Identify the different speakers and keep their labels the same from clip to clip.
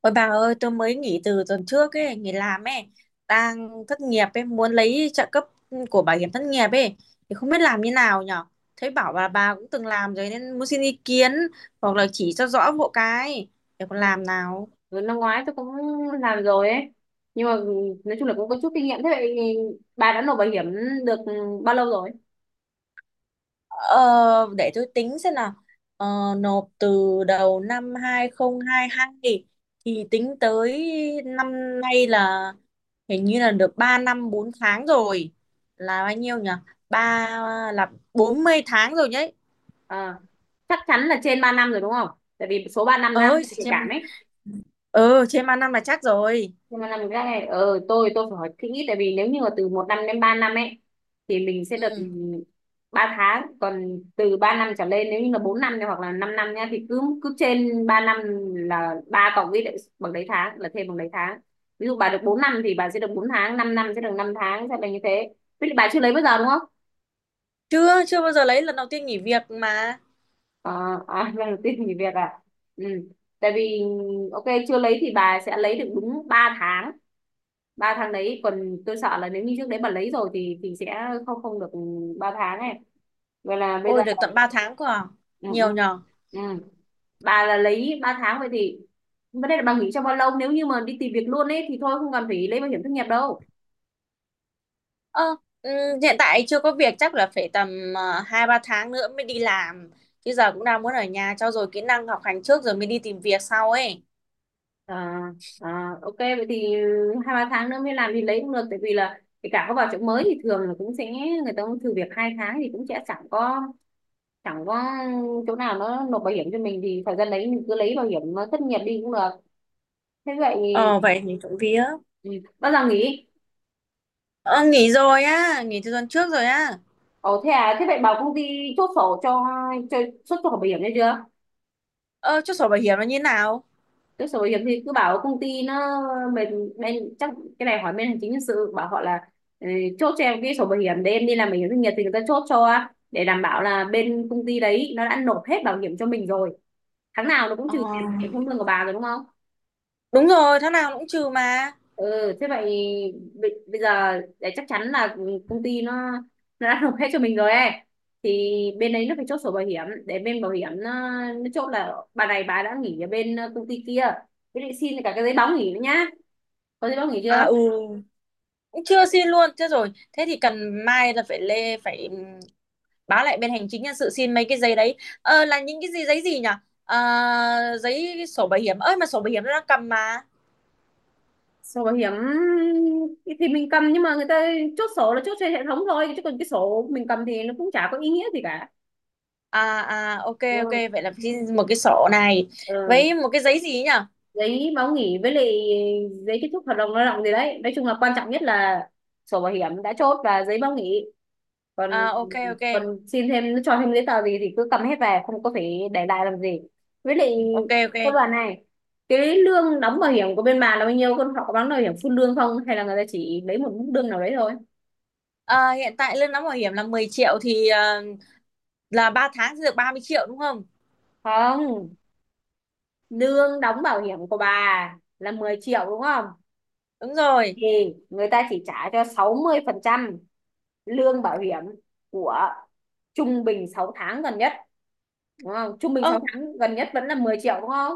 Speaker 1: Ôi bà ơi, tôi mới nghỉ từ tuần trước ấy, nghỉ làm ấy, đang thất nghiệp ấy, muốn lấy trợ cấp của bảo hiểm thất nghiệp ấy, thì không biết làm như nào nhở? Thấy bảo bà cũng từng làm rồi nên muốn xin ý kiến hoặc là chỉ cho rõ hộ cái để còn làm nào.
Speaker 2: Ừ, năm ngoái tôi cũng làm rồi ấy, nhưng mà nói chung là cũng có chút kinh nghiệm. Thế vậy thì bà đã nộp bảo hiểm được bao lâu rồi?
Speaker 1: Ờ, để tôi tính xem nào. Ờ, nộp từ đầu năm 2022 thì tính tới năm nay là hình như là được 3 năm 4 tháng rồi. Là bao nhiêu nhỉ? Ba là 40 tháng rồi đấy.
Speaker 2: À, chắc chắn là trên 3 năm rồi đúng không? Tại vì số 3 năm đang
Speaker 1: Ơi,
Speaker 2: nhạy cảm
Speaker 1: trên
Speaker 2: ấy.
Speaker 1: ờ trên 3 năm là chắc rồi.
Speaker 2: Nhưng mà làm cái này tôi phải hỏi kỹ, tại vì nếu như mà từ một năm đến 3 năm ấy thì mình sẽ được
Speaker 1: Ừ.
Speaker 2: 3 tháng, còn từ 3 năm trở lên, nếu như là 4 năm này hoặc là 5 năm nhá, thì cứ cứ trên 3 năm là ba cộng với lại bằng đấy tháng, là thêm bằng đấy tháng. Ví dụ bà được 4 năm thì bà sẽ được 4 tháng, 5 năm sẽ được 5 tháng, sẽ là như thế. Với lại bà chưa lấy bao giờ đúng không?
Speaker 1: Chưa chưa bao giờ lấy lần đầu tiên nghỉ việc mà.
Speaker 2: À, à, lần đầu tiên nghỉ việc à? Ừ. Tại vì ok, chưa lấy thì bà sẽ lấy được đúng 3 tháng. Ba tháng đấy. Còn tôi sợ là nếu như trước đấy mà lấy rồi thì sẽ không không được ba tháng này. Vậy là bây giờ.
Speaker 1: Ôi được tận 3 tháng cơ à.
Speaker 2: Ừ, ừ,
Speaker 1: Nhiều nhỉ.
Speaker 2: ừ. Bà là lấy ba tháng, vậy thì vấn đề là bà nghỉ trong bao lâu. Nếu như mà đi tìm việc luôn ấy thì thôi không cần phải lấy bảo hiểm thất nghiệp đâu.
Speaker 1: Ờ, ừm, hiện tại chưa có việc, chắc là phải tầm 2-3 tháng nữa mới đi làm, chứ giờ cũng đang muốn ở nhà trau dồi kỹ năng học hành trước rồi mới đi tìm việc sau ấy.
Speaker 2: À, à, ok vậy thì hai ba tháng nữa mới làm thì lấy cũng được. Tại vì là kể cả có vào chỗ mới thì thường là cũng sẽ người ta cũng thử việc hai tháng, thì cũng sẽ chẳng có chỗ nào nó nộp bảo hiểm cho mình, thì thời gian đấy mình cứ lấy bảo hiểm thất nghiệp đi cũng được. Thế vậy.
Speaker 1: Ờ, vậy thì trộm vía.
Speaker 2: Ừ. Bao giờ nghỉ?
Speaker 1: Ờ, nghỉ rồi á, nghỉ từ tuần trước rồi á.
Speaker 2: Ồ thế à, thế vậy bảo công ty chốt sổ cho chốt sổ bảo hiểm đấy chưa?
Speaker 1: Ờ, chút sổ bảo hiểm nó như thế nào?
Speaker 2: Chốt sổ bảo hiểm thì cứ bảo công ty nó bên bên chắc cái này hỏi bên hành chính nhân sự, bảo họ là ừ, chốt cho em cái sổ bảo hiểm để em đi làm bảo hiểm doanh nghiệp thì người ta chốt cho, để đảm bảo là bên công ty đấy nó đã nộp hết bảo hiểm cho mình rồi. Tháng nào nó cũng
Speaker 1: Ờ,
Speaker 2: trừ tiền bảo hiểm trong lương của bà rồi đúng không?
Speaker 1: đúng rồi, tháng nào cũng trừ mà.
Speaker 2: Ừ thế vậy bây bây giờ để chắc chắn là công ty nó đã nộp hết cho mình rồi ấy, thì bên đấy nó phải chốt sổ bảo hiểm để bên bảo hiểm nó chốt là bà này bà đã nghỉ ở bên công ty kia. Với lại xin cả cái giấy báo nghỉ nữa nhá. Có giấy báo nghỉ
Speaker 1: À,
Speaker 2: chưa?
Speaker 1: ừ, cũng chưa xin luôn. Thế rồi, thế thì cần mai là phải lê phải báo lại bên hành chính nhân sự xin mấy cái giấy đấy. Ờ, là những cái gì, giấy gì nhỉ? Ờ, giấy sổ bảo hiểm ơi, mà sổ bảo hiểm nó đang cầm mà.
Speaker 2: Sổ bảo hiểm thì mình cầm, nhưng mà người ta chốt sổ là chốt trên hệ thống thôi, chứ còn cái sổ mình cầm thì nó cũng chả có ý nghĩa gì cả.
Speaker 1: À, à, ok, ok,
Speaker 2: Ừ.
Speaker 1: vậy là xin một cái sổ này
Speaker 2: Ừ.
Speaker 1: với một cái giấy gì ấy nhỉ.
Speaker 2: Giấy báo nghỉ với lại giấy kết thúc hợp đồng lao động gì đấy. Nói chung là quan trọng nhất là sổ bảo hiểm đã chốt và giấy báo nghỉ.
Speaker 1: À,
Speaker 2: còn
Speaker 1: ok, ok,
Speaker 2: còn xin thêm cho thêm giấy tờ gì thì cứ cầm hết về, không có phải để lại làm gì. Với lại
Speaker 1: ok, ok.
Speaker 2: cô đoàn này, cái lương đóng bảo hiểm của bên bà là bao nhiêu con? Họ có đóng bảo hiểm full lương không, hay là người ta chỉ lấy một mức lương nào đấy thôi?
Speaker 1: Ờ, hiện tại lương đóng bảo hiểm là 10 triệu thì là 3 tháng sẽ được 30 triệu đúng không?
Speaker 2: Không, lương đóng bảo hiểm của bà là 10 triệu đúng không?
Speaker 1: Đúng rồi.
Speaker 2: Thì người ta chỉ trả cho 60% lương bảo hiểm của trung bình 6 tháng gần nhất đúng không? Trung bình 6 tháng gần nhất vẫn là 10 triệu đúng không?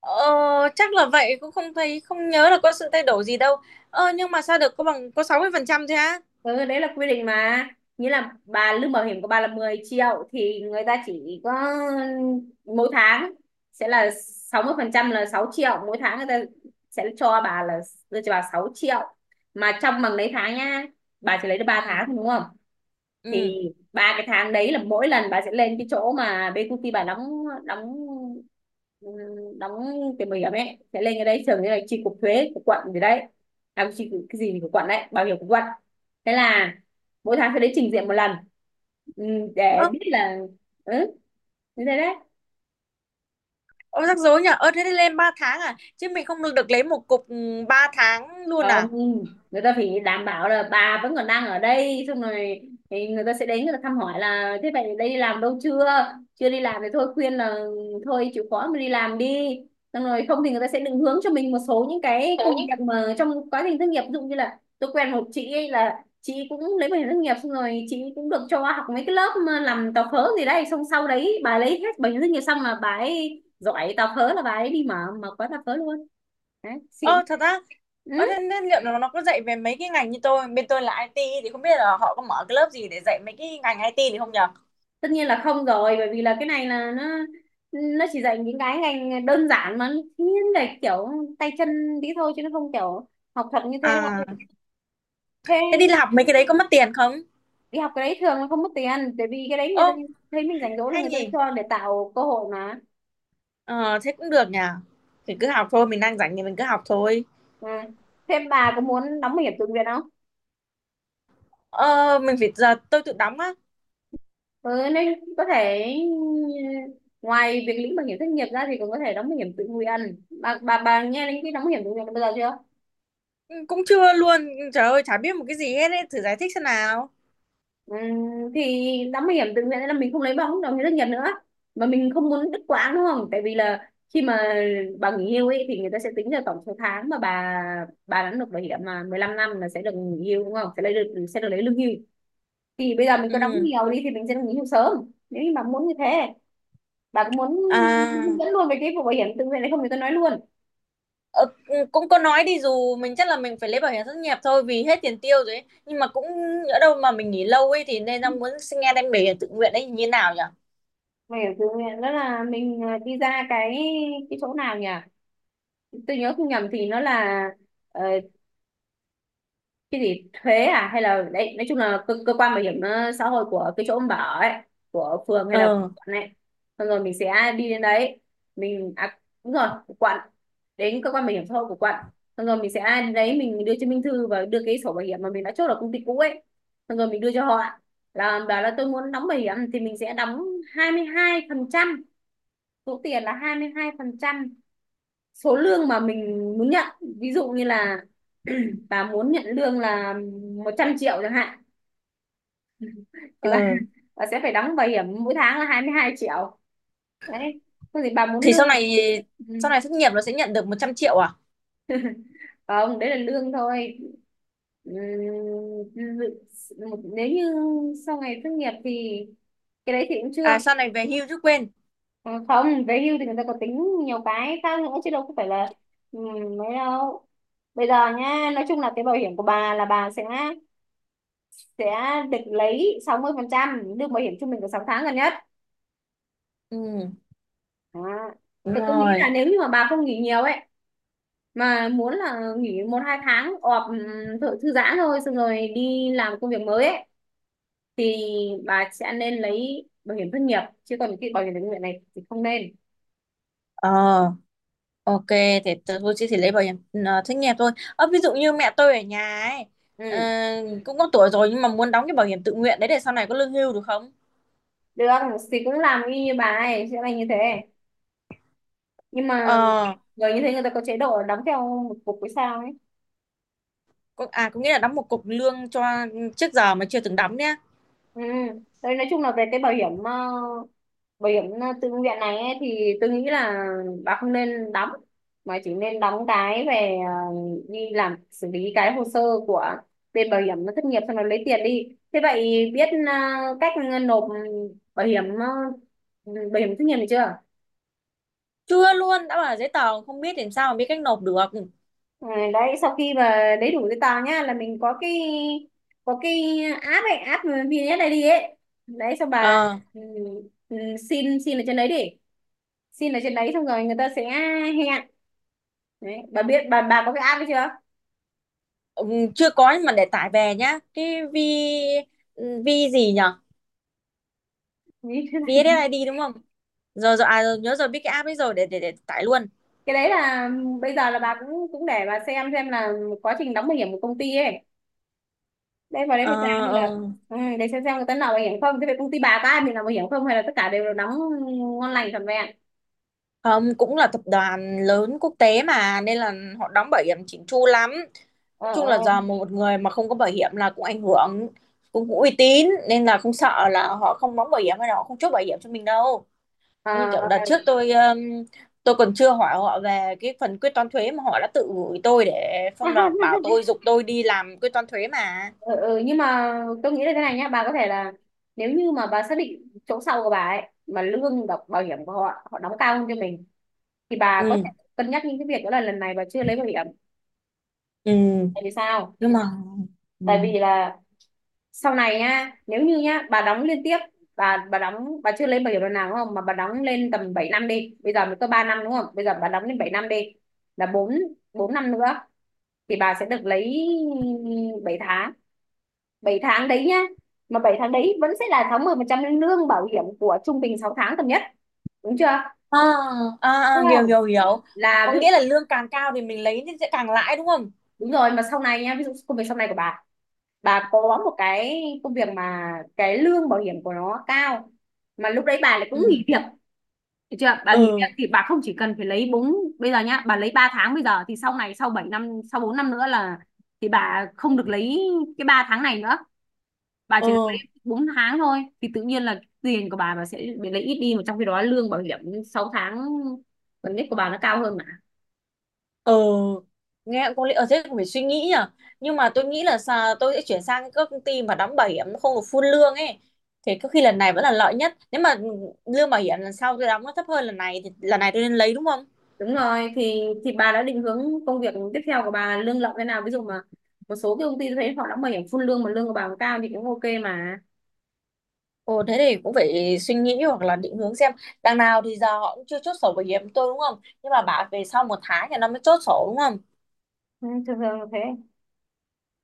Speaker 1: Ờ, chắc là vậy, cũng không thấy không nhớ là có sự thay đổi gì đâu. Ờ, nhưng mà sao được có bằng có 60% thế á?
Speaker 2: Ừ, đấy là quy định mà. Nghĩa là bà, lương bảo hiểm của bà là 10 triệu, thì người ta chỉ có mỗi tháng sẽ là 60 phần trăm là 6 triệu, mỗi tháng người ta sẽ cho bà là đưa cho bà 6 triệu, mà trong bằng lấy tháng nha. Bà chỉ lấy được ba
Speaker 1: Ừ.
Speaker 2: tháng đúng không?
Speaker 1: Ừ.
Speaker 2: Thì ba cái tháng đấy là mỗi lần bà sẽ lên cái chỗ mà BQT bà đóng đóng ừm, đóng cái bảo hiểm ấy, sẽ lên cái đấy thường như là chi cục thuế của quận gì đấy. À, cái gì của quận đấy, bảo hiểm của quận. Thế là mỗi tháng sẽ đến trình diện một lần. Để
Speaker 1: Ơ,
Speaker 2: biết là ừ như thế đấy.
Speaker 1: ờ, rắc rối nhỉ. Ơ thế thì lên 3 tháng à? Chứ mình không được được lấy một cục, ừ, 3 tháng luôn à?
Speaker 2: Không, người ta phải đảm bảo là bà vẫn còn đang ở đây, xong rồi thì người ta sẽ đến, người ta thăm hỏi là thế vậy đây đi làm đâu chưa. Chưa đi làm thì thôi khuyên là thôi chịu khó mà đi làm đi, xong rồi. Không thì người ta sẽ định hướng cho mình một số những cái công việc mà trong quá trình thất nghiệp, ví dụ như là tôi quen một chị ấy, là chị cũng lấy bảo hiểm thất nghiệp, xong rồi chị cũng được cho học mấy cái lớp mà làm tàu phớ gì đây, xong sau đấy bà lấy hết bảo hiểm thất nghiệp xong là bà ấy giỏi tàu phớ, là bà ấy đi mở mở quán tàu phớ luôn. Đấy xịn.
Speaker 1: Ờ thật á.
Speaker 2: Ừ,
Speaker 1: Ờ thế, liệu nó có dạy về mấy cái ngành như tôi, bên tôi là IT thì không biết là họ có mở cái lớp gì để dạy mấy cái ngành IT thì không nhở?
Speaker 2: tất nhiên là không rồi, bởi vì là cái này là nó chỉ dạy những cái ngành đơn giản mà thiên về kiểu tay chân tí thôi, chứ nó không kiểu học thuật như thế
Speaker 1: À,
Speaker 2: đâu.
Speaker 1: thế đi
Speaker 2: Thế
Speaker 1: học mấy cái đấy có mất tiền không?
Speaker 2: đi học cái đấy thường là không mất tiền, tại vì cái đấy người ta
Speaker 1: Ô,
Speaker 2: thấy mình rảnh rỗi là
Speaker 1: hay
Speaker 2: người ta
Speaker 1: nhỉ?
Speaker 2: cho, để tạo cơ hội mà.
Speaker 1: Ờ thế cũng được nhỉ. Thì cứ học thôi, mình đang rảnh thì mình cứ học thôi.
Speaker 2: À. Thế bà có muốn đóng bảo hiểm tự nguyện không?
Speaker 1: Ờ, mình phải giờ tôi tự đóng á?
Speaker 2: Ừ, nên có thể ngoài việc lĩnh bảo hiểm thất nghiệp ra thì còn có thể đóng bảo hiểm tự nguyện. Bà nghe đến cái đóng bảo hiểm tự nguyện bao giờ chưa?
Speaker 1: Ừ, cũng chưa luôn. Ừ, trời ơi chả biết một cái gì hết ấy, thử giải thích xem nào.
Speaker 2: Ừ, thì đóng bảo hiểm tự nguyện là mình không lấy bảo hiểm đồng nghiệp thất nghiệp nữa, mà mình không muốn đứt quãng đúng không? Tại vì là khi mà bà nghỉ hưu ấy thì người ta sẽ tính ra tổng số tháng mà bà đã nộp bảo hiểm, mà 15 năm là sẽ được nghỉ hưu đúng không, sẽ lấy được, sẽ được lấy lương hưu. Thì bây giờ mình có đóng
Speaker 1: Ừ.
Speaker 2: nhiều đi thì mình sẽ được nghỉ hưu sớm. Nếu như bà muốn như thế, bà có muốn hướng
Speaker 1: À.
Speaker 2: dẫn luôn về cái vụ bảo hiểm tự nguyện này không thì tôi nói luôn.
Speaker 1: Ờ, ừ, cũng có nói đi dù mình chắc là mình phải lấy bảo hiểm thất nghiệp thôi vì hết tiền tiêu rồi ấy. Nhưng mà cũng ở đâu mà mình nghỉ lâu ấy thì nên đang muốn xin nghe đem bảo hiểm tự nguyện ấy như thế nào nhỉ?
Speaker 2: Bảo hiểm tự nguyện đó là mình đi ra cái chỗ nào nhỉ, tôi nhớ không nhầm thì nó là ờ, cái gì thuế à, hay là đấy, nói chung là cơ quan bảo hiểm xã hội của cái chỗ ông bảo ấy, của phường hay là của
Speaker 1: Ờ,
Speaker 2: quận này. Xong rồi mình sẽ đi đến đấy, mình à, đúng rồi, của quận. Đến cơ quan bảo hiểm xã hội của quận, xong rồi mình sẽ đến đấy mình đưa chứng minh thư và đưa cái sổ bảo hiểm mà mình đã chốt ở công ty cũ ấy, xong rồi mình đưa cho họ, là bảo là tôi muốn đóng bảo hiểm thì mình sẽ đóng 22%. Số tiền là 22 phần trăm số lương mà mình muốn nhận. Ví dụ như là bà muốn nhận lương là 100 triệu chẳng hạn, thì bà,
Speaker 1: ờ,
Speaker 2: bà sẽ phải đóng bảo hiểm mỗi tháng là 22 triệu đấy. Thôi thì bà muốn
Speaker 1: thì
Speaker 2: lương.
Speaker 1: sau này
Speaker 2: Ừ.
Speaker 1: sau này thất nghiệp nó sẽ nhận được 100 triệu à?
Speaker 2: Không, đấy là lương thôi. Ừm, dự- Nếu như sau ngày tốt nghiệp thì cái đấy thì cũng
Speaker 1: À,
Speaker 2: chưa.
Speaker 1: sau này về hưu chứ quên.
Speaker 2: Ờ, không về hưu thì người ta có tính nhiều cái khác nữa chứ đâu có phải là mấy đâu. Bây giờ nhá, nói chung là cái bảo hiểm của bà là bà sẽ được lấy 60% lương bảo hiểm trung bình của 6 tháng gần nhất.
Speaker 1: Ừ,
Speaker 2: Đó.
Speaker 1: đúng
Speaker 2: Thì tôi nghĩ là
Speaker 1: rồi.
Speaker 2: nếu như mà bà không nghỉ nhiều ấy, mà muốn là nghỉ một hai tháng ọp thử, thư giãn thôi, xong rồi đi làm công việc mới ấy, thì bà sẽ nên lấy bảo hiểm thất nghiệp, chứ còn cái bảo hiểm tự nguyện này thì không nên.
Speaker 1: Ờ. Ok, thì tôi chỉ lấy bảo hiểm thất nghiệp thôi. Ờ, ví dụ như mẹ tôi ở nhà ấy, ờ,
Speaker 2: Ừ.
Speaker 1: cũng có tuổi rồi nhưng mà muốn đóng cái bảo hiểm tự nguyện đấy để sau này có lương hưu được không?
Speaker 2: Được, thì cũng làm y như bà ấy, sẽ là như thế, nhưng mà
Speaker 1: Ờ,
Speaker 2: người như thế người ta có chế độ đóng theo một cục với sao ấy.
Speaker 1: có, à có nghĩa là đóng một cục lương cho trước giờ mà chưa từng đóng nhá.
Speaker 2: Ừ. Đấy, nói chung là về cái bảo hiểm bảo hiểm tự nguyện này ấy, thì tôi nghĩ là bà không nên đóng, mà chỉ nên đóng cái về đi làm xử lý cái hồ sơ của bên bảo hiểm thất nghiệp, xong rồi lấy tiền đi. Thế vậy biết cách nộp bảo hiểm bảo hiểm thất nghiệp được chưa?
Speaker 1: Chưa luôn, đã bảo là giấy tờ không biết làm sao mà biết cách nộp được.
Speaker 2: Ừ, đấy sau khi mà lấy đủ giấy tờ nhá, là mình có cái app ấy, app VNS đi ấy, đấy xong bà,
Speaker 1: Ờ,
Speaker 2: ừ, ừ, xin xin ở trên đấy đi, xin ở trên đấy xong rồi người ta sẽ hẹn. Đấy bà biết bà có cái app ấy chưa?
Speaker 1: chưa có nhưng mà để tải về nhá. Cái vi gì nhở?
Speaker 2: Như thế này.
Speaker 1: VSSID đúng không? Rồi, rồi, à rồi, nhớ rồi, biết cái app ấy rồi, để tải luôn.
Speaker 2: Cái đấy là bây giờ là bà cũng cũng để bà xem là quá trình đóng bảo hiểm của công ty ấy đây, vào đấy
Speaker 1: Ờ,
Speaker 2: phải tra như là
Speaker 1: ờ.
Speaker 2: ừ, để xem người ta nào bảo hiểm không. Thế về công ty bà có ai mình làm bảo hiểm không, hay là tất cả đều là đóng ngon lành trọn vẹn.
Speaker 1: Không, cũng là tập đoàn lớn quốc tế mà nên là họ đóng bảo hiểm chỉnh chu lắm.
Speaker 2: Ờ,
Speaker 1: Nói chung là
Speaker 2: ờ,
Speaker 1: giờ một người mà không có bảo hiểm là cũng ảnh hưởng, cũng uy tín, nên là không sợ là họ không đóng bảo hiểm hay là họ không chốt bảo hiểm cho mình đâu.
Speaker 2: ờ,
Speaker 1: Như kiểu đợt trước
Speaker 2: ờ.
Speaker 1: tôi còn chưa hỏi họ về cái phần quyết toán thuế mà họ đã tự gửi tôi để xong là bảo tôi giục tôi đi làm quyết toán thuế mà.
Speaker 2: Ừ, ừ, nhưng mà tôi nghĩ là thế này nhá, bà có thể là nếu như mà bà xác định chỗ sau của bà ấy mà lương độc bảo hiểm của họ họ đóng cao hơn cho mình, thì bà có
Speaker 1: Ừ,
Speaker 2: thể cân nhắc những cái việc đó, là lần này bà chưa lấy bảo hiểm.
Speaker 1: ừ,
Speaker 2: Tại vì sao?
Speaker 1: nhưng mà ừ.
Speaker 2: Tại vì là sau này nhá, nếu như nhá bà đóng liên tiếp, bà đóng, bà chưa lên bảo hiểm lần nào đúng không, mà bà đóng lên tầm 7 năm đi, bây giờ mới có 3 năm đúng không, bây giờ bà đóng lên 7 năm đi, là 4 4 năm nữa thì bà sẽ được lấy 7 tháng. Bảy tháng đấy nhá, mà 7 tháng đấy vẫn sẽ là 60 phần trăm lương bảo hiểm của trung bình 6 tháng tầm nhất, đúng chưa,
Speaker 1: À, à,
Speaker 2: đúng
Speaker 1: à, hiểu
Speaker 2: không,
Speaker 1: hiểu hiểu.
Speaker 2: là
Speaker 1: Có
Speaker 2: ví,
Speaker 1: nghĩa là lương càng cao thì mình lấy thì sẽ càng lãi đúng không?
Speaker 2: đúng rồi, mà sau này nhá, ví dụ công việc sau này của bà có một cái công việc mà cái lương bảo hiểm của nó cao, mà lúc đấy bà lại cũng nghỉ
Speaker 1: Ừ,
Speaker 2: việc. Được chưa? Bà nghỉ việc
Speaker 1: ừ,
Speaker 2: thì bà không chỉ cần phải lấy bốn. Bây giờ nhá, bà lấy 3 tháng bây giờ thì sau này sau 7 năm, sau 4 năm nữa là thì bà không được lấy cái 3 tháng này nữa, bà chỉ được lấy
Speaker 1: ừ,
Speaker 2: 4 tháng thôi, thì tự nhiên là tiền của bà sẽ bị lấy ít đi, mà trong khi đó lương bảo hiểm 6 tháng gần nhất của bà nó cao hơn mà.
Speaker 1: ừ, nghe có lý. Ở thế cũng phải suy nghĩ nhở, nhưng mà tôi nghĩ là tôi sẽ chuyển sang các công ty mà đóng bảo hiểm không được full lương ấy thì có khi lần này vẫn là lợi nhất. Nếu mà lương bảo hiểm lần sau tôi đóng nó thấp hơn lần này thì lần này tôi nên lấy đúng không?
Speaker 2: Đúng rồi, thì bà đã định hướng công việc tiếp theo của bà lương lậu thế nào? Ví dụ mà một số cái công ty tôi thấy họ đã bảo hiểm full lương mà lương của bà cũng cao thì cũng ok mà.
Speaker 1: Ồ thế thì cũng phải suy nghĩ hoặc là định hướng xem. Đằng nào thì giờ họ cũng chưa chốt sổ bảo hiểm tôi đúng không, nhưng mà bảo về sau một tháng thì nó mới chốt sổ đúng không?
Speaker 2: Ừ, thường thường là thế.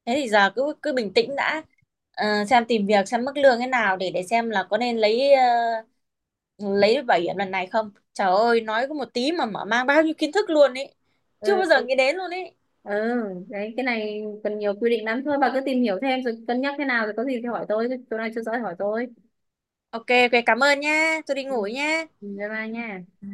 Speaker 1: Thế thì giờ cứ cứ bình tĩnh đã. Ờ, xem tìm việc xem mức lương thế nào để xem là có nên lấy lấy được bảo hiểm lần này không. Trời ơi nói có một tí mà mở mang bao nhiêu kiến thức luôn ấy, chưa bao
Speaker 2: Ừ,
Speaker 1: giờ nghĩ đến luôn ấy.
Speaker 2: ừ, đấy cái này cần nhiều quy định lắm, thôi bà cứ tìm hiểu thêm rồi cân nhắc thế nào, rồi có gì thì hỏi tôi, chỗ này chưa rõ thì hỏi tôi.
Speaker 1: Ok, ok, cảm ơn nha, tôi đi ngủ
Speaker 2: Ừ.
Speaker 1: nha.
Speaker 2: Ừ, bye bye nha.